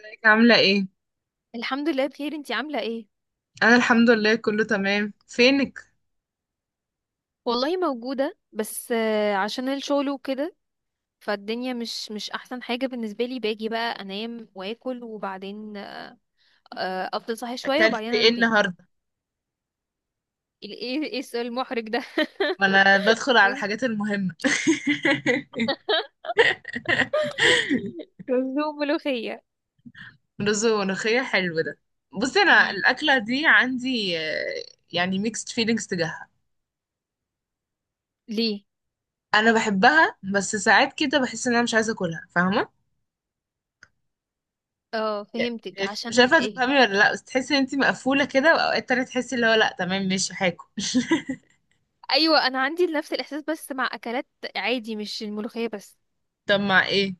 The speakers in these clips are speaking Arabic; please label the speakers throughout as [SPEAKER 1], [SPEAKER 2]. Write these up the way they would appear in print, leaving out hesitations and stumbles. [SPEAKER 1] ازيك عاملة ايه؟
[SPEAKER 2] الحمد لله، بخير. انتي عاملة ايه؟
[SPEAKER 1] أنا الحمد لله كله تمام. فينك؟
[SPEAKER 2] والله موجودة، بس عشان الشغل وكده. فالدنيا مش احسن حاجة بالنسبة لي. باجي بقى انام واكل، وبعدين افضل صاحي شوية
[SPEAKER 1] أكلت
[SPEAKER 2] وبعدين
[SPEAKER 1] ايه
[SPEAKER 2] انام تاني.
[SPEAKER 1] النهاردة؟
[SPEAKER 2] ايه السؤال المحرج ده
[SPEAKER 1] وأنا بدخل على
[SPEAKER 2] رز.
[SPEAKER 1] الحاجات المهمة.
[SPEAKER 2] رز وملوخية.
[SPEAKER 1] رز وملوخية، حلو ده. بصي أنا
[SPEAKER 2] مم.
[SPEAKER 1] الأكلة دي عندي يعني ميكست فيلينجز تجاهها.
[SPEAKER 2] ليه؟
[SPEAKER 1] أنا بحبها بس ساعات كده بحس إن أنا مش عايزة أكلها، فاهمة؟
[SPEAKER 2] اه، فهمتك.
[SPEAKER 1] مش
[SPEAKER 2] عشان
[SPEAKER 1] عارفة
[SPEAKER 2] ايه؟
[SPEAKER 1] تفهمي ولا لأ، بس تحسي إن انتي مقفولة كده، وأوقات تانية تحسي اللي هو لأ تمام ماشي هاكل.
[SPEAKER 2] ايوه، انا عندي نفس الاحساس بس مع اكلات عادي، مش الملوخية بس.
[SPEAKER 1] طب مع ايه؟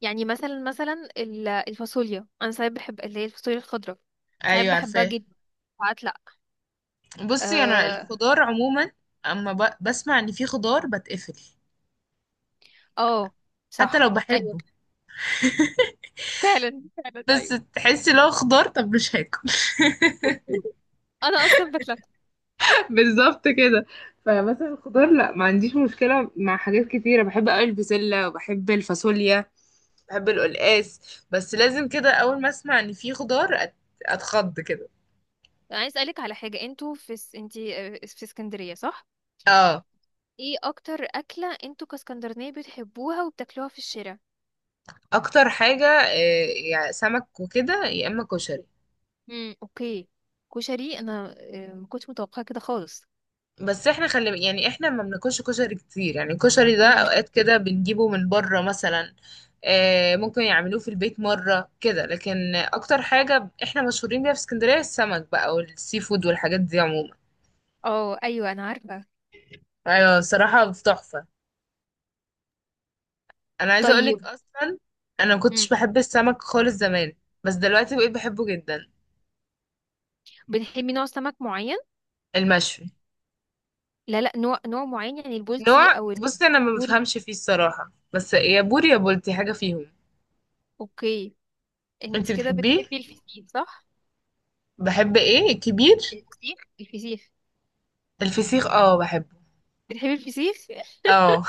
[SPEAKER 2] يعني مثلا الفاصوليا، انا ساعات بحب اللي هي الفاصوليا الخضراء. ساعات
[SPEAKER 1] أيوه
[SPEAKER 2] بحبها
[SPEAKER 1] عارفاه.
[SPEAKER 2] جدا، ساعات لا.
[SPEAKER 1] بصي انا
[SPEAKER 2] اه.
[SPEAKER 1] الخضار عموما اما بسمع ان في خضار بتقفل،
[SPEAKER 2] آه،
[SPEAKER 1] حتى
[SPEAKER 2] صح.
[SPEAKER 1] لو
[SPEAKER 2] ايوه.
[SPEAKER 1] بحبه.
[SPEAKER 2] فعلا فعلا،
[SPEAKER 1] بس
[SPEAKER 2] ايوه.
[SPEAKER 1] تحسي لو خضار طب مش هاكل.
[SPEAKER 2] انا اصلا بتلف.
[SPEAKER 1] بالظبط كده. فمثلا الخضار لا ما عنديش مشكلة، مع حاجات كتيرة بحب قوي، البسلة وبحب الفاصوليا، بحب القلقاس. بس لازم كده اول ما اسمع ان في خضار اتخض كده.
[SPEAKER 2] عايز اسالك على حاجه. انتوا في انتي، في اسكندريه، صح؟
[SPEAKER 1] اه
[SPEAKER 2] ايه اكتر اكله انتوا كاسكندرانيه بتحبوها وبتاكلوها في الشارع؟
[SPEAKER 1] اكتر حاجة يعني سمك وكده، يا اما كشري.
[SPEAKER 2] امم، اوكي. كشري؟ انا ما كنتش متوقعه كده خالص.
[SPEAKER 1] بس احنا خلي يعني احنا ما بناكلش كشري كتير، يعني الكشري ده
[SPEAKER 2] مم.
[SPEAKER 1] اوقات كده بنجيبه من بره مثلا. ممكن يعملوه في البيت مرة كده، لكن اكتر حاجة احنا مشهورين بيها في اسكندرية السمك بقى، والسي فود والحاجات دي عموما.
[SPEAKER 2] اه، ايوه، انا عارفه.
[SPEAKER 1] ايوه صراحة تحفة. انا عايزة اقولك
[SPEAKER 2] طيب.
[SPEAKER 1] اصلا انا ما كنتش
[SPEAKER 2] مم.
[SPEAKER 1] بحب السمك خالص زمان، بس دلوقتي بقيت بحبه جدا.
[SPEAKER 2] بتحبي نوع سمك معين؟
[SPEAKER 1] المشوي.
[SPEAKER 2] لا، لا، نوع معين، يعني البلطي
[SPEAKER 1] نوع،
[SPEAKER 2] او
[SPEAKER 1] بصي انا ما
[SPEAKER 2] البوري.
[SPEAKER 1] بفهمش فيه الصراحة، بس يا بوري يا بولتي حاجة فيهم.
[SPEAKER 2] اوكي. انت
[SPEAKER 1] انتي
[SPEAKER 2] كده
[SPEAKER 1] بتحبيه؟
[SPEAKER 2] بتحبي الفسيخ، صح؟
[SPEAKER 1] بحب ايه الكبير؟
[SPEAKER 2] الفسيخ، الفسيخ.
[SPEAKER 1] الفسيخ اه بحبه.
[SPEAKER 2] بتحبي الفسيخ؟
[SPEAKER 1] اه.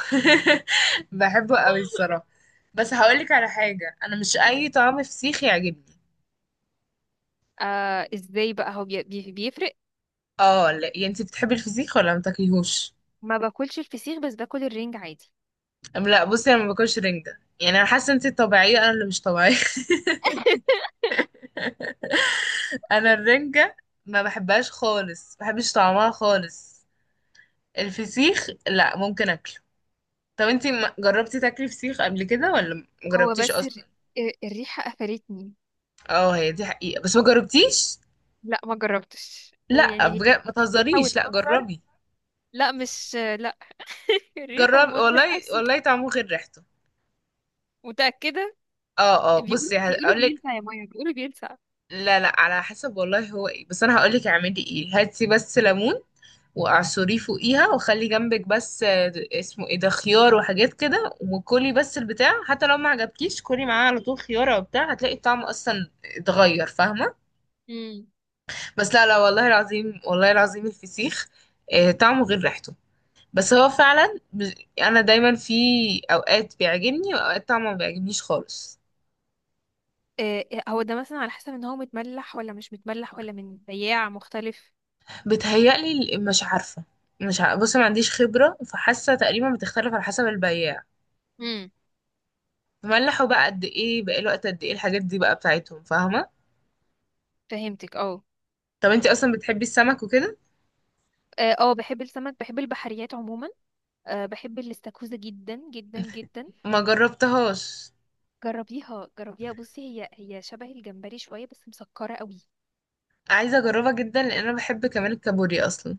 [SPEAKER 1] بحبه قوي الصراحة. بس هقولك على حاجة، انا مش اي طعم فسيخ يعجبني.
[SPEAKER 2] آه، ازاي بقى؟ هو بيفرق؟
[SPEAKER 1] اه لا، يعني انت بتحبي الفسيخ ولا ما تاكليهوش؟
[SPEAKER 2] ما باكلش الفسيخ، بس باكل الرنج عادي.
[SPEAKER 1] لا بصي انا ما باكلش رنجة، يعني انا حاسة انت طبيعية انا اللي مش طبيعية. انا الرنجة ما بحبهاش خالص، ما بحبش طعمها خالص. الفسيخ لا ممكن اكله. طب انت جربتي تاكلي فسيخ قبل كده ولا ما
[SPEAKER 2] هو
[SPEAKER 1] جربتيش
[SPEAKER 2] بس
[SPEAKER 1] اصلا؟
[SPEAKER 2] الريحة قفلتني.
[SPEAKER 1] اه هي دي حقيقة بس ما جربتيش.
[SPEAKER 2] لا، ما جربتش،
[SPEAKER 1] لا
[SPEAKER 2] ويعني هي.
[SPEAKER 1] بجد ما
[SPEAKER 2] او
[SPEAKER 1] تهزريش، لا
[SPEAKER 2] المنظر.
[SPEAKER 1] جربي.
[SPEAKER 2] لا، مش لا. الريحة
[SPEAKER 1] جربي،
[SPEAKER 2] والمنظر
[SPEAKER 1] والله
[SPEAKER 2] نفسه.
[SPEAKER 1] والله طعمه غير ريحته.
[SPEAKER 2] متأكدة؟
[SPEAKER 1] اه اه، بصي
[SPEAKER 2] بيقولوا
[SPEAKER 1] هقول لك.
[SPEAKER 2] بيلسع، يا مايا، بيقولوا بيلسع.
[SPEAKER 1] لا لا، على حسب والله، هو ايه، بس انا هقول لك اعملي ايه، هاتي بس ليمون واعصريه فوقيها، وخلي جنبك بس اسمه ايه ده، خيار وحاجات كده، وكلي بس البتاع حتى لو ما عجبكيش، كلي معاه على طول خيار او بتاع، هتلاقي الطعم اصلا اتغير، فاهمه؟
[SPEAKER 2] امم.
[SPEAKER 1] بس لا لا، والله العظيم والله العظيم الفسيخ طعمه غير ريحته. بس هو فعلا انا دايما في اوقات بيعجبني، واوقات طبعا ما بيعجبنيش خالص.
[SPEAKER 2] هو ده مثلا على حسب ان هو متملح ولا مش متملح، ولا من بياع مختلف.
[SPEAKER 1] بتهيألي مش عارفة. بص ما عنديش خبره، فحاسه تقريبا بتختلف على حسب البياع.
[SPEAKER 2] امم.
[SPEAKER 1] ملحوا بقى قد ايه، بقى له وقت قد ايه، الحاجات دي بقى بتاعتهم، فاهمه؟
[SPEAKER 2] فهمتك، اه.
[SPEAKER 1] طب انتي اصلا بتحبي السمك وكده؟
[SPEAKER 2] اه، بحب السمك، بحب البحريات عموما. أه، بحب الاستاكوزا جدا جدا جدا.
[SPEAKER 1] ما جربتهاش.
[SPEAKER 2] جربيها، جربيها. بصي، هي شبه الجمبري شوية، بس مسكرة قوي.
[SPEAKER 1] عايزه اجربها جدا لان انا بحب كمان الكابوريا اصلا.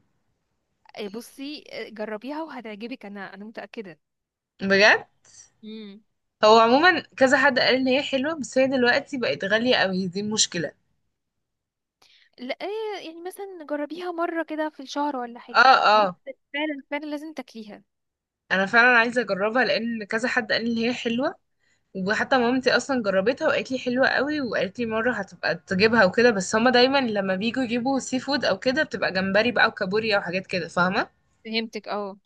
[SPEAKER 2] بصي، جربيها وهتعجبك، انا متأكدة.
[SPEAKER 1] بجد.
[SPEAKER 2] امم.
[SPEAKER 1] هو عموما كذا حد قال ان هي حلوه، بس هي دلوقتي بقت غاليه قوي، دي مشكله.
[SPEAKER 2] لا، إيه، يعني مثلا جربيها مرة كده في الشهر ولا حاجة.
[SPEAKER 1] اه.
[SPEAKER 2] بس.
[SPEAKER 1] اه
[SPEAKER 2] فعلا فعلا، لازم تاكليها.
[SPEAKER 1] انا فعلا عايزه اجربها لان كذا حد قال لي ان هي حلوه. وحتى مامتي اصلا جربتها وقالت لي حلوه قوي، وقالت لي مره هتبقى تجيبها وكده، بس هما دايما لما بيجوا يجيبوا سي فود او كده بتبقى جمبري بقى وكابوريا وحاجات كده، فاهمه؟
[SPEAKER 2] فهمتك، اه.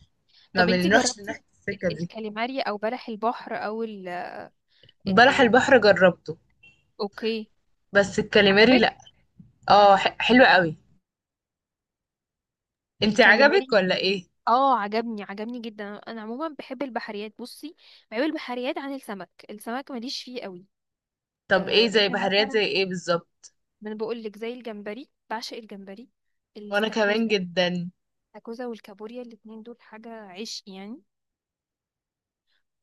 [SPEAKER 1] ما
[SPEAKER 2] طب انتي
[SPEAKER 1] بنروحش
[SPEAKER 2] جربتي
[SPEAKER 1] ناحيه السكه دي.
[SPEAKER 2] الكاليماري او بلح البحر، او ال ال
[SPEAKER 1] بلح
[SPEAKER 2] ال
[SPEAKER 1] البحر جربته.
[SPEAKER 2] اوكي.
[SPEAKER 1] بس الكاليماري
[SPEAKER 2] عجبك؟
[SPEAKER 1] لا. اه حلوه قوي. انت عجبك
[SPEAKER 2] الكاليماري؟
[SPEAKER 1] ولا ايه؟
[SPEAKER 2] اه، عجبني جدا. انا عموما بحب البحريات، بصي. بحب البحريات عن السمك. السمك ماليش فيه قوي.
[SPEAKER 1] طب
[SPEAKER 2] آه،
[SPEAKER 1] ايه زي
[SPEAKER 2] الا
[SPEAKER 1] بحريات
[SPEAKER 2] مثلا.
[SPEAKER 1] زي ايه بالظبط؟
[SPEAKER 2] ما انا بقول لك زي الجمبري، بعشق الجمبري.
[SPEAKER 1] وانا كمان
[SPEAKER 2] الاستاكوزا.
[SPEAKER 1] جدا.
[SPEAKER 2] الاستاكوزا والكابوريا، الاتنين دول حاجة عشق يعني.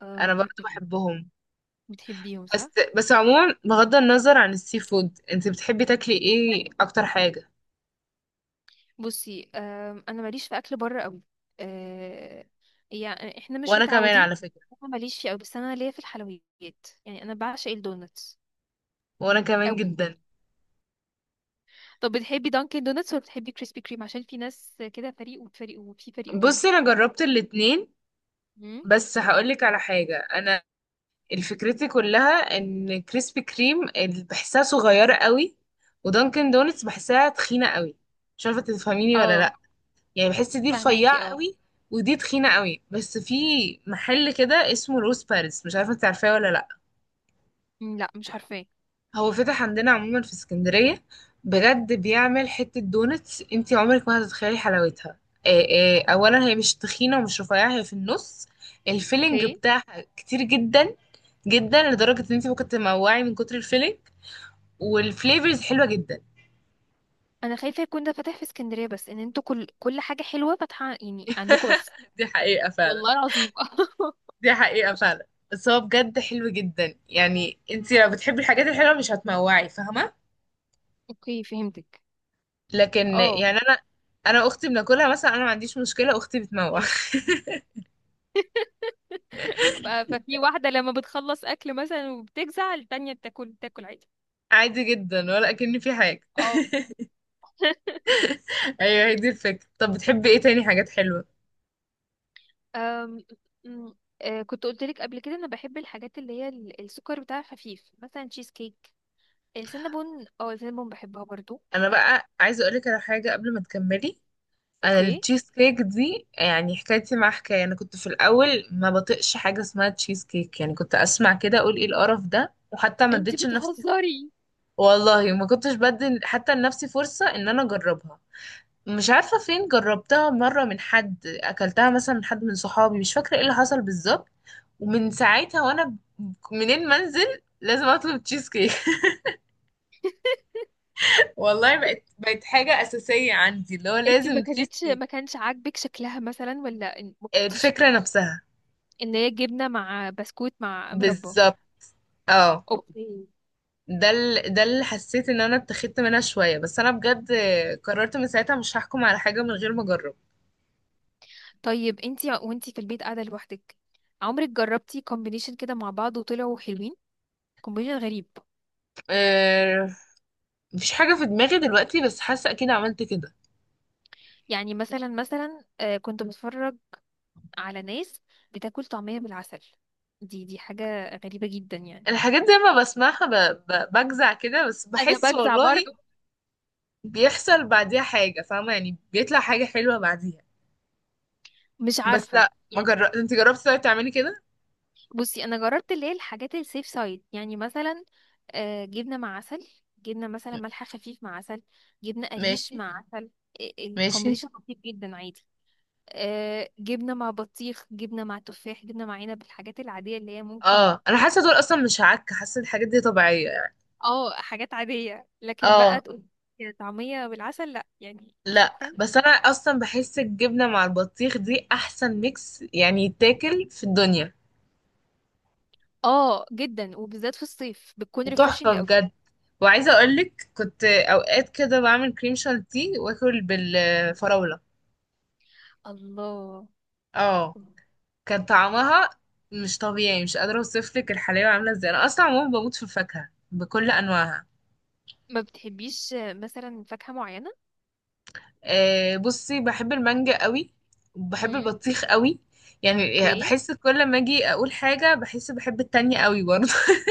[SPEAKER 2] آم،
[SPEAKER 1] انا
[SPEAKER 2] م-
[SPEAKER 1] برضو
[SPEAKER 2] م- م.
[SPEAKER 1] بحبهم.
[SPEAKER 2] بتحبيهم،
[SPEAKER 1] بس،
[SPEAKER 2] صح؟
[SPEAKER 1] عموما بغض النظر عن السي فود انت بتحبي تاكلي ايه اكتر حاجه؟
[SPEAKER 2] بصي، انا ماليش في اكل بره قوي. آه. يعني احنا مش
[SPEAKER 1] وانا كمان
[SPEAKER 2] متعودين.
[SPEAKER 1] على فكرة.
[SPEAKER 2] انا ماليش فيه قوي، بس انا ليا في الحلويات. يعني انا بعشق الدونتس
[SPEAKER 1] وانا كمان
[SPEAKER 2] قوي.
[SPEAKER 1] جدا.
[SPEAKER 2] طب بتحبي دانكن دونتس ولا بتحبي كريسبي كريم؟ عشان في ناس كده فريق وفريق، وفي فريق تاني.
[SPEAKER 1] بصي انا جربت الاتنين.
[SPEAKER 2] مم.
[SPEAKER 1] بس هقولك على حاجة، الفكرتي كلها ان كريسبي كريم بحسها صغيرة قوي. ودانكن دونتس بحسها تخينة قوي. مش عارفة تفهميني ولا
[SPEAKER 2] اه،
[SPEAKER 1] لا؟ يعني بحس دي
[SPEAKER 2] فهماكي،
[SPEAKER 1] رفيعة
[SPEAKER 2] اه.
[SPEAKER 1] قوي، ودي تخينة قوي. بس في محل كده اسمه روز باريس، مش عارفة انت عارفاه ولا لا.
[SPEAKER 2] مم، لا، مش عارفاه.
[SPEAKER 1] هو فتح عندنا عموما في اسكندرية. بجد بيعمل حتة دونتس انتي عمرك ما هتتخيلي حلاوتها. آه،
[SPEAKER 2] مم.
[SPEAKER 1] اولا هي مش تخينة ومش رفيعة، هي في النص. الفيلينج
[SPEAKER 2] اوكي.
[SPEAKER 1] بتاعها كتير جدا، جدا لدرجة ان انتي ممكن تموعي من كتر الفيلينج. والفليفرز حلوة جدا.
[SPEAKER 2] انا خايفه يكون ده فاتح في اسكندريه، بس ان انتوا كل حاجه حلوه فاتحه يعني عندكم بس.
[SPEAKER 1] دي حقيقة فعلا.
[SPEAKER 2] والله العظيم
[SPEAKER 1] دي حقيقة فعلا. بس هو بجد حلو جدا، يعني انتي لو بتحبي الحاجات الحلوة مش هتموعي، فاهمة؟
[SPEAKER 2] اوكي، فهمتك،
[SPEAKER 1] لكن
[SPEAKER 2] اه.
[SPEAKER 1] يعني انا، انا اختي بناكلها مثلا، انا ما عنديش مشكلة اختي بتموع.
[SPEAKER 2] ففي واحده لما بتخلص اكل مثلا، وبتجزع التانية بتاكل عادي.
[SPEAKER 1] عادي جدا ولا اكن في حاجه.
[SPEAKER 2] اه.
[SPEAKER 1] ايوه هي دي الفكره. طب بتحبي ايه تاني حاجات حلوه؟
[SPEAKER 2] أم... أم، آه، كنت قلت لك قبل كده انا بحب الحاجات اللي هي السكر بتاعها خفيف، مثلا تشيز كيك. السينابون بحبها برضو.
[SPEAKER 1] انا بقى عايزه اقولك على حاجه قبل ما تكملي. انا
[SPEAKER 2] اوكي.
[SPEAKER 1] التشيز كيك دي يعني حكايتي مع حكايه، انا كنت في الاول ما بطيقش حاجه اسمها تشيز كيك، يعني كنت اسمع كده اقول ايه القرف ده، وحتى ما
[SPEAKER 2] انتي
[SPEAKER 1] اديتش لنفسي،
[SPEAKER 2] بتهزري؟
[SPEAKER 1] والله ما كنتش بدي حتى لنفسي فرصه ان انا اجربها. مش عارفة فين جربتها مرة من حد، أكلتها مثلا من حد من صحابي، مش فاكرة ايه اللي حصل بالظبط. ومن ساعتها وأنا منين ما انزل لازم أطلب تشيز كيك. والله بقت حاجة أساسية عندي، اللي هو
[SPEAKER 2] انتي ما
[SPEAKER 1] لازم تشيز
[SPEAKER 2] كانتش
[SPEAKER 1] كيك.
[SPEAKER 2] ما كانش عاجبك شكلها مثلا، ولا ما كنتيش
[SPEAKER 1] الفكرة
[SPEAKER 2] فين؟
[SPEAKER 1] نفسها.
[SPEAKER 2] ان هي جبنه مع بسكوت مع مربى.
[SPEAKER 1] بالظبط. اه.
[SPEAKER 2] اوكي.
[SPEAKER 1] ده ده اللي حسيت ان انا اتخذت منها شوية، بس انا بجد قررت من ساعتها مش هحكم على حاجة من غير ما اجرب.
[SPEAKER 2] طيب انتي، وانتي في البيت قاعده لوحدك، عمرك جربتي كومبينيشن كده مع بعض وطلعوا حلوين؟ كومبينيشن غريب.
[SPEAKER 1] أه... مفيش حاجة في دماغي دلوقتي، بس حاسة اكيد عملت كده.
[SPEAKER 2] يعني مثلا كنت بتفرج على ناس بتاكل طعميه بالعسل. دي حاجه غريبه جدا يعني.
[SPEAKER 1] الحاجات دي لما بسمعها بجزع كده، بس
[SPEAKER 2] انا
[SPEAKER 1] بحس
[SPEAKER 2] بجزع
[SPEAKER 1] والله
[SPEAKER 2] برضو.
[SPEAKER 1] بيحصل بعديها حاجة، فاهمة؟ يعني بيطلع حاجة حلوة بعديها.
[SPEAKER 2] مش
[SPEAKER 1] بس
[SPEAKER 2] عارفه.
[SPEAKER 1] لا ما جربت، انت جربتي؟ طيب تعملي كده.
[SPEAKER 2] بصي، انا جربت اللي هي الحاجات السيف سايد، يعني مثلا جبنه مع عسل. جبنه مثلا ملح خفيف مع عسل. جبنه قريش
[SPEAKER 1] ماشي
[SPEAKER 2] مع عسل.
[SPEAKER 1] ماشي.
[SPEAKER 2] الكومبينيشن لطيف جدا، عادي. جبنه مع بطيخ، جبنه مع تفاح، جبنه مع عنب، الحاجات العاديه اللي هي ممكن.
[SPEAKER 1] اه انا حاسة دول اصلا مش عك، حاسة الحاجات دي طبيعية يعني.
[SPEAKER 2] اه، حاجات عاديه. لكن بقى
[SPEAKER 1] اه
[SPEAKER 2] تقول طعميه بالعسل، لا، يعني
[SPEAKER 1] لا
[SPEAKER 2] شكرا.
[SPEAKER 1] بس انا اصلا بحس الجبنة مع البطيخ دي احسن ميكس يعني يتاكل في الدنيا.
[SPEAKER 2] اه، جدا، وبالذات في الصيف بتكون
[SPEAKER 1] تحفة
[SPEAKER 2] ريفريشنج قوي.
[SPEAKER 1] بجد. وعايزة اقولك كنت اوقات كده بعمل كريم شانتيه واكل بالفراولة.
[SPEAKER 2] الله.
[SPEAKER 1] اه. كان طعمها مش طبيعي، مش قادرة اوصف لك الحلاوة عاملة ازاي، انا اصلا عموما بموت في الفاكهة بكل انواعها.
[SPEAKER 2] ما بتحبيش مثلا فاكهه معينه؟
[SPEAKER 1] أه بصي بحب المانجا قوي، وبحب
[SPEAKER 2] امم.
[SPEAKER 1] البطيخ قوي. يعني
[SPEAKER 2] اوكي.
[SPEAKER 1] بحس كل ما اجي اقول حاجة بحس بحب التانية قوي برضه.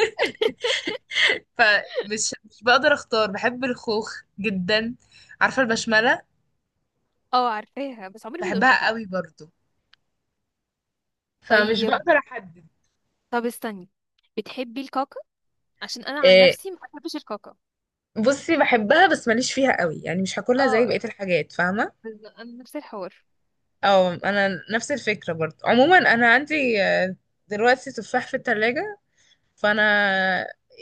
[SPEAKER 1] فمش مش بقدر اختار، بحب الخوخ جدا. عارفة البشملة؟
[SPEAKER 2] اه، عارفاها بس عمري ما
[SPEAKER 1] بحبها
[SPEAKER 2] دقتها.
[SPEAKER 1] قوي برضه، فمش
[SPEAKER 2] طيب.
[SPEAKER 1] بقدر احدد.
[SPEAKER 2] طب استني. بتحبي الكاكا؟ عشان انا عن
[SPEAKER 1] أه
[SPEAKER 2] نفسي ما بحبش الكاكا.
[SPEAKER 1] بصي بحبها بس ماليش فيها قوي، يعني مش هاكلها زي بقية
[SPEAKER 2] اه.
[SPEAKER 1] الحاجات، فاهمة؟
[SPEAKER 2] انا نفس الحوار.
[SPEAKER 1] اه انا نفس الفكره برضه. عموما انا عندي دلوقتي تفاح في التلاجة، فانا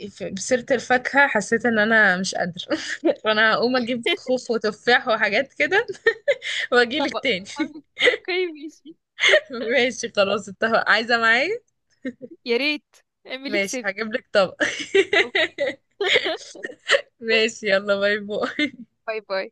[SPEAKER 1] بسيره الفاكهه حسيت ان انا مش قادره. فانا هقوم اجيب خوخ وتفاح وحاجات كده، واجيلك
[SPEAKER 2] طبق.
[SPEAKER 1] تاني.
[SPEAKER 2] اوكي، ماشي.
[SPEAKER 1] ماشي خلاص اتفق، عايزه معايا؟
[SPEAKER 2] يا ريت. اعملي
[SPEAKER 1] ماشي
[SPEAKER 2] حساب
[SPEAKER 1] هجيب لك طبق.
[SPEAKER 2] اوكي.
[SPEAKER 1] ماشي يلا باي باي.
[SPEAKER 2] باي باي.